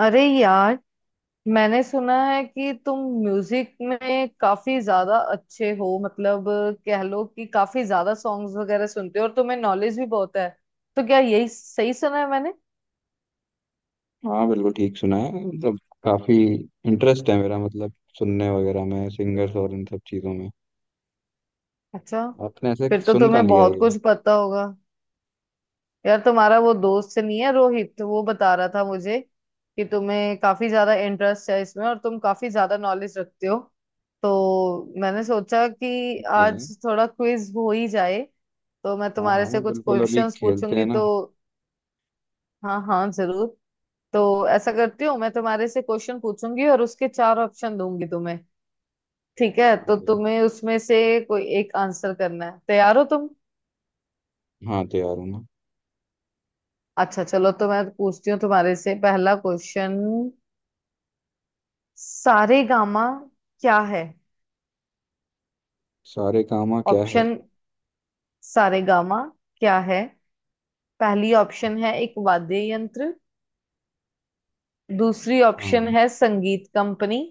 अरे यार, मैंने सुना है कि तुम म्यूजिक में काफी ज्यादा अच्छे हो। मतलब, कह लो कि काफी ज्यादा सॉन्ग्स वगैरह सुनते हो और तुम्हें नॉलेज भी बहुत है। तो क्या यही सही सुना है मैंने? हाँ, बिल्कुल ठीक सुना है। मतलब काफी इंटरेस्ट है मेरा। मतलब सुनने वगैरह में, सिंगर्स और इन सब चीजों में। अच्छा। आपने ऐसे फिर तो सुन कहाँ तुम्हें लिया बहुत ये? कुछ पता होगा। यार, तुम्हारा वो दोस्त नहीं है रोहित, तो वो बता रहा था मुझे कि तुम्हें काफी ज्यादा इंटरेस्ट है इसमें और तुम काफी ज्यादा नॉलेज रखते हो। तो मैंने सोचा कि ठीक है। आज थोड़ा क्विज हो ही जाए। तो मैं हाँ तुम्हारे हाँ, से कुछ बिल्कुल अभी क्वेश्चंस खेलते पूछूंगी हैं ना। तो। हाँ हाँ जरूर। तो ऐसा करती हूँ, मैं तुम्हारे से क्वेश्चन पूछूंगी और उसके चार ऑप्शन दूंगी तुम्हें। ठीक है, ठीक तो है। तुम्हें उसमें से कोई एक आंसर करना है। तैयार हो तुम? हाँ, तैयार हूँ ना। अच्छा चलो, तो मैं पूछती हूँ तुम्हारे से पहला क्वेश्चन। सारेगामा क्या है? सारे कामा क्या है? ऑप्शन। सारेगामा क्या है? पहली ऑप्शन है एक वाद्य यंत्र। दूसरी ऑप्शन हाँ है संगीत कंपनी।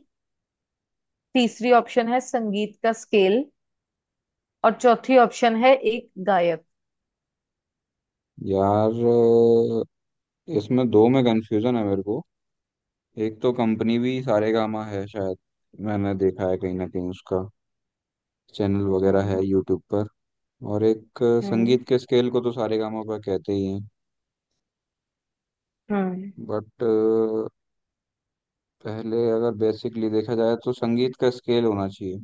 तीसरी ऑप्शन है संगीत का स्केल। और चौथी ऑप्शन है एक गायक। यार, इसमें दो में कंफ्यूजन है मेरे को। एक तो कंपनी भी सारे कामा है शायद, मैंने देखा है कहीं ना कहीं उसका चैनल वगैरह है हम्म। यूट्यूब पर। और एक हम्म। संगीत के स्केल को तो सारे कामा पर कहते ही हैं। हम्म। बट पहले अगर बेसिकली देखा जाए तो संगीत का स्केल होना चाहिए।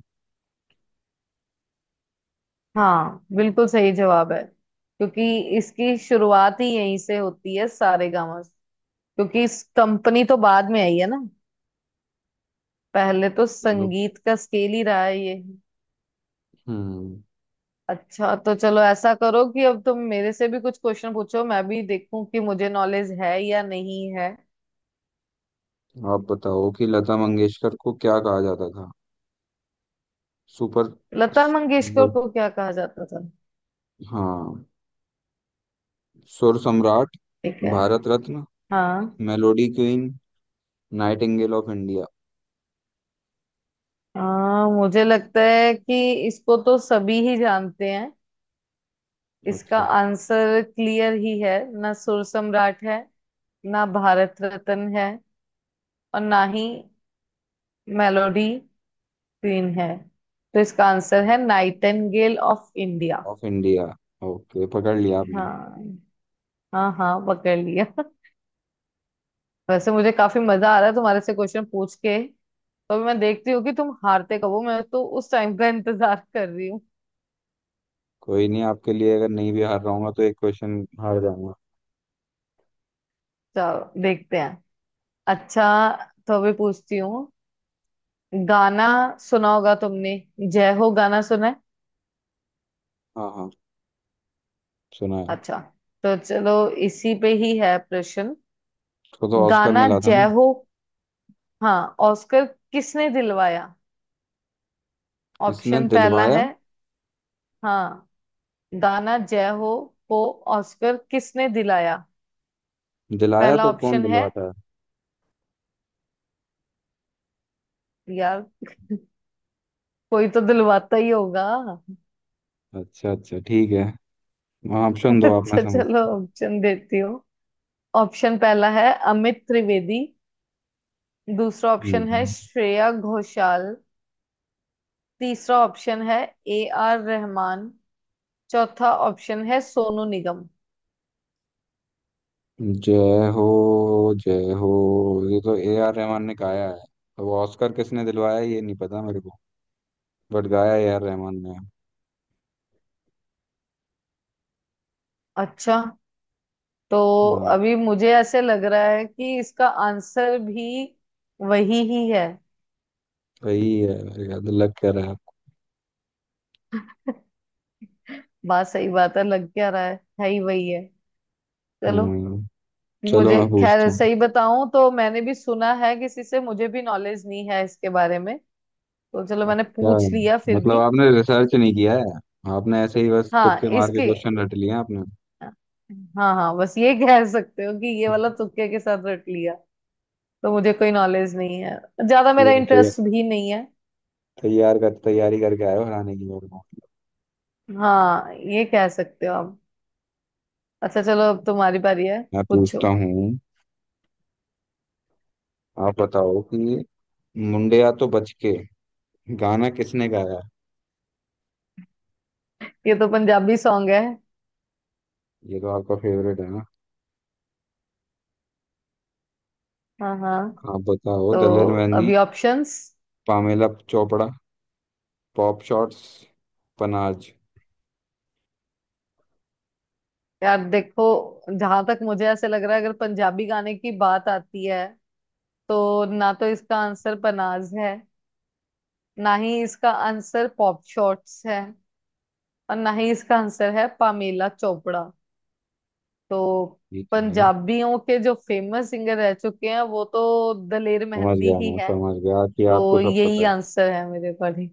हाँ बिल्कुल सही जवाब है। क्योंकि इसकी शुरुआत ही यहीं से होती है सारेगामा से। क्योंकि इस कंपनी तो बाद में आई है ना। पहले तो चलो। संगीत का स्केल ही रहा है ये। हम्म। अच्छा, तो चलो ऐसा करो कि अब तुम मेरे से भी कुछ क्वेश्चन पूछो, मैं भी देखूं कि मुझे नॉलेज है या नहीं है। आप बताओ कि लता मंगेशकर को क्या कहा जाता था? सुपर... लता स- मंगेशकर मतलब, को क्या कहा जाता था? हाँ, सुर सम्राट, ठीक है। भारत रत्न, हाँ। Melody queen, nightingale of India. हाँ, मुझे लगता है कि इसको तो सभी ही जानते हैं। इसका अच्छा, आंसर क्लियर ही है। ना सुर सम्राट है, ना भारत रत्न है, और ना ही मेलोडी क्वीन है। तो इसका आंसर है nightingale of India. Of India. Okay, पकड़ लिया आपने। हाँ। हाँ हाँ, पकड़ लिया। वैसे मुझे काफी मजा आ रहा है तुम्हारे से क्वेश्चन पूछ के। तो अभी मैं देखती हूँ कि तुम हारते कब हो। मैं तो उस टाइम का इंतजार कर रही हूँ। कोई नहीं, आपके लिए अगर नहीं भी हार रहा हूंगा तो एक क्वेश्चन हार जाऊंगा। चलो देखते हैं। अच्छा, तो अभी पूछती हूँ। गाना सुना होगा तुमने? जय हो गाना सुना है? हाँ हाँ, सुना है। अच्छा, तो चलो, इसी पे ही है प्रश्न। उसको तो ऑस्कर गाना मिला था जय ना। हो। हाँ, ऑस्कर किसने दिलवाया? इसने ऑप्शन पहला दिलवाया। है। हाँ। गाना जय हो को ऑस्कर किसने दिलाया? दिलाया पहला तो कौन ऑप्शन है। दिलवाता है? यार, कोई तो दिलवाता ही होगा। अच्छा अच्छा, ठीक है। ऑप्शन दो आप, मैं अच्छा समझ... चलो, ऑप्शन देती हूँ। ऑप्शन पहला है अमित त्रिवेदी। दूसरा ऑप्शन है हम्म, श्रेया घोषाल। तीसरा ऑप्शन है ए आर रहमान। चौथा ऑप्शन है सोनू निगम। जय हो, जय हो, ये तो ए आर रहमान ने गाया है। अब ऑस्कर किसने दिलवाया ये नहीं पता मेरे को। बट गाया ए आर रहमान ने। अच्छा, तो हाँ, अभी मुझे ऐसे लग रहा है कि इसका आंसर भी वही ही है। सही है। याद लग कह रहा है आपको। बात सही, बात है, लग क्या रहा है ही वही है। चलो। हम्म, चलो मुझे मैं खैर पूछता हूँ। सही बताऊं तो, मैंने भी सुना है किसी से, मुझे भी नॉलेज नहीं है इसके बारे में। तो चलो, मैंने अच्छा, पूछ लिया फिर मतलब भी। आपने रिसर्च नहीं किया है? आपने ऐसे ही बस हाँ तुक्के मार के इसके क्वेश्चन रट लिए हैं आपने। हाँ हाँ, बस ये कह सकते हो कि ये वाला तुक्के के साथ रट लिया, तो मुझे कोई नॉलेज नहीं है ज्यादा, मेरा ये तैयार इंटरेस्ट भी नहीं है। तैयार कर तैयारी करके आए हो हराने की मेरे को। हाँ, ये कह सकते हो आप। अच्छा चलो, अब तुम्हारी बारी है। मैं पूछो। पूछता हूँ। आप बताओ कि मुंडिया तो बच के गाना किसने गाया? ये तो पंजाबी सॉन्ग है। ये तो आपका फेवरेट है ना। हाँ हाँ। आप बताओ, तो दलेर मेहंदी, अभी options. Pamela Chopra, pop shots, पनाज। यार देखो, जहां तक मुझे ऐसे लग रहा है, अगर पंजाबी गाने की बात आती है तो ना तो इसका आंसर पनाज है, ना ही इसका आंसर पॉप शॉट्स है, और ना ही इसका आंसर है पामेला चोपड़ा। तो ठीक है, पंजाबियों के जो फेमस सिंगर रह चुके हैं वो तो दलेर समझ मेहंदी गया, ही मैं है। समझ गया कि तो आपको सब पता यही है। आंसर है मेरे अकॉर्डिंग।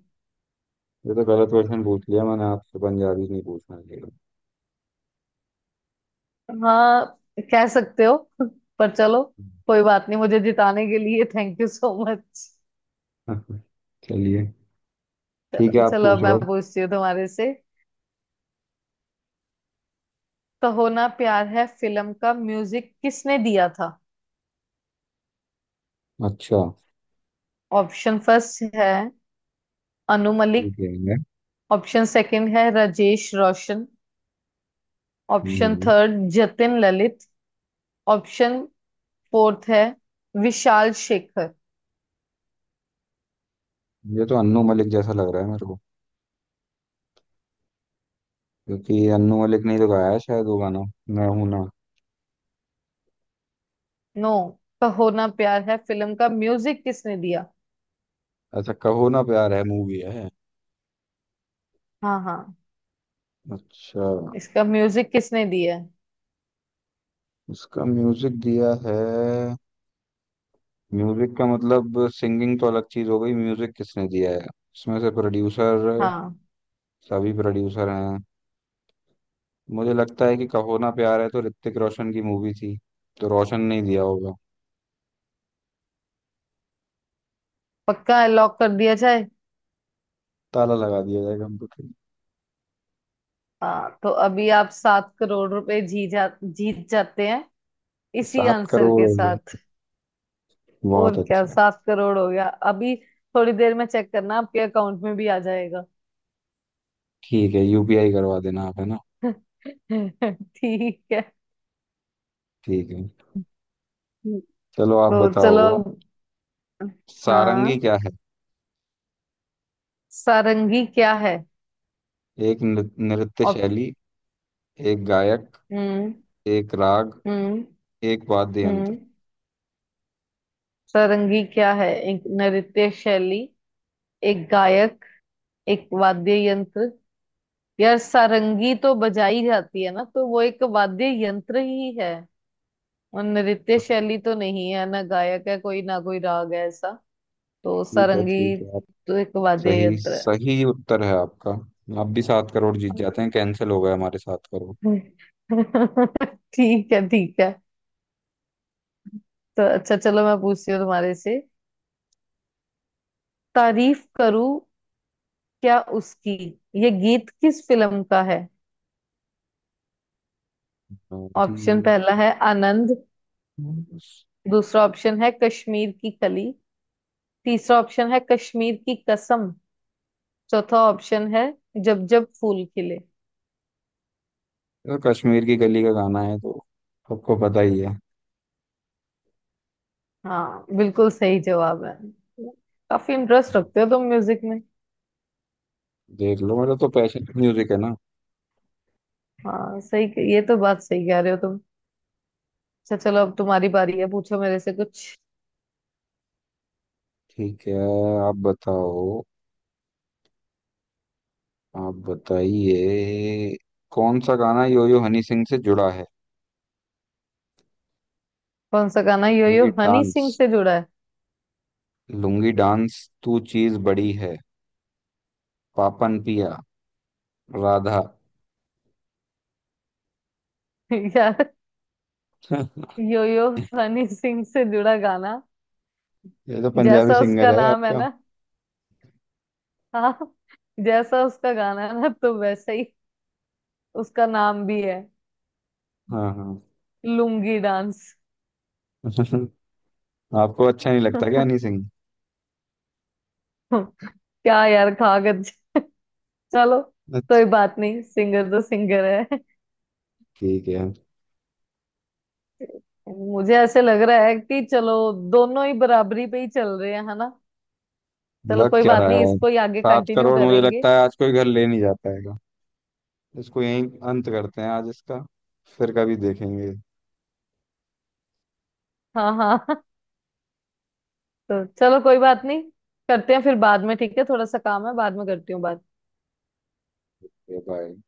ये तो गलत क्वेश्चन पूछ लिया मैंने आपसे, पंजाबी नहीं पूछना चाहिए। हाँ, कह सकते हो। पर चलो, कोई बात नहीं। मुझे जिताने के लिए थैंक यू सो मच। चलिए, ठीक है, आप चलो, अब मैं पूछो। पूछती हूँ तुम्हारे से। कहो ना प्यार है फिल्म का म्यूजिक किसने दिया था? अच्छा। ऑप्शन फर्स्ट है अनु मलिक। ठीक है। ऑप्शन सेकंड है राजेश रोशन। ऑप्शन हम्म, third Jatin Lalit. Option fourth है विशाल शेखर। ये तो अन्नू मलिक जैसा लग रहा है मेरे को। क्योंकि अन्नू मलिक ने ही तो गाया है शायद वो गाना, मैं हूं ना। नो। कहो ना प्यार है फिल्म का म्यूजिक किसने दिया? ऐसा, कहो ना प्यार है मूवी है। हाँ हाँ। अच्छा। इसका म्यूजिक किसने दिया है? इसका म्यूजिक दिया है। म्यूजिक का मतलब सिंगिंग तो अलग चीज हो गई, म्यूजिक किसने दिया है? इसमें से प्रोड्यूसर, हाँ। सभी प्रोड्यूसर हैं। मुझे लगता है कि कहो ना प्यार है तो ऋतिक रोशन की मूवी थी, तो रोशन नहीं दिया होगा। पक्का लॉक कर दिया जाए? ताला लगा दिया जाएगा कंप्यूटर में। हाँ, तो अभी आप 7 करोड़ रुपए जी जा जीत जाते हैं इसी सात आंसर करोड़ के हो गया? साथ। और बहुत क्या, अच्छा। 7 करोड़ हो गया अभी। थोड़ी देर में चेक करना, आपके अकाउंट में भी आ जाएगा। ठीक है, यूपीआई करवा देना आप, है ना। ठीक है। ठीक है। चलो आप तो चलो। बताओ। सारंगी हाँ। क्या है? सारंगी क्या है? नृत्य ऑप शैली, एक गायक, हम्म। एक राग, हम्म। एक वाद्य यंत्र। हम्म। सारंगी क्या है? एक नृत्य शैली, एक गायक, एक वाद्य यंत्र। यार सारंगी तो बजाई जाती है ना, तो वो एक वाद्य यंत्र ही है। और नृत्य शैली तो नहीं है ना, गायक है कोई, ना कोई राग है ऐसा। तो सारंगी ठीक है आप... तो एक वाद्य सही यंत्र है। सही उत्तर है आपका। आप भी 7 करोड़ जीत जाते हैं, कैंसिल हो गए हमारे 7 करोड़। ठीक है ठीक है। तो अच्छा चलो, मैं पूछती हूँ तुम्हारे से। तारीफ करूं क्या उसकी, ये गीत किस फिल्म का है? तो ऑप्शन ठीक पहला है आनंद। है। दूसरा ऑप्शन है कश्मीर की कली। तीसरा ऑप्शन है कश्मीर की कसम। चौथा ऑप्शन है जब जब फूल खिले। तो कश्मीर की गली का गाना है तो सबको पता ही है। हाँ बिल्कुल सही जवाब है। काफी इंटरेस्ट रखते हो तुम म्यूजिक में। देख लो, मेरा तो पैशन म्यूजिक है ना। हाँ सही। ये तो बात सही कह रहे हो। अच्छा चलो, अब तुम्हारी बारी है। पूछो मेरे से कुछ। ठीक है, आप बताओ। आप बताइए कौन सा गाना योयो हनी सिंह से जुड़ा है? कौन सा गाना yo yo lungi Honey dance, Singh से जुड़ा है? लुंगी डांस तू चीज बड़ी है, पापन पिया, राधा। यार। यो यो हनी सिंह से जुड़ा गाना, ये तो पंजाबी जैसा सिंगर उसका है नाम है आपका। ना, हाँ, जैसा उसका गाना है ना तो वैसा ही उसका नाम भी है, हाँ हाँ। लुंगी डांस। आपको अच्छा नहीं लगता क्या हनी सिंह? क्या यार, कागज। चलो अच्छा। कोई बात नहीं, सिंगर तो सिंगर है। ठीक है, मुझे ऐसे लग रहा है कि चलो, दोनों ही बराबरी पे ही चल रहे हैं, है ना? चलो लग कोई क्या बात रहा नहीं, है। इसको ही आगे सात कंटिन्यू करोड़ मुझे करेंगे। लगता है आज कोई घर ले नहीं जा पाएगा। इसको यहीं अंत करते हैं आज इसका, फिर कभी देखेंगे। हाँ हाँ। तो चलो, कोई बात नहीं। करते हैं फिर बाद में। ठीक है, थोड़ा सा काम है, बाद में करती हूँ बात। बाय।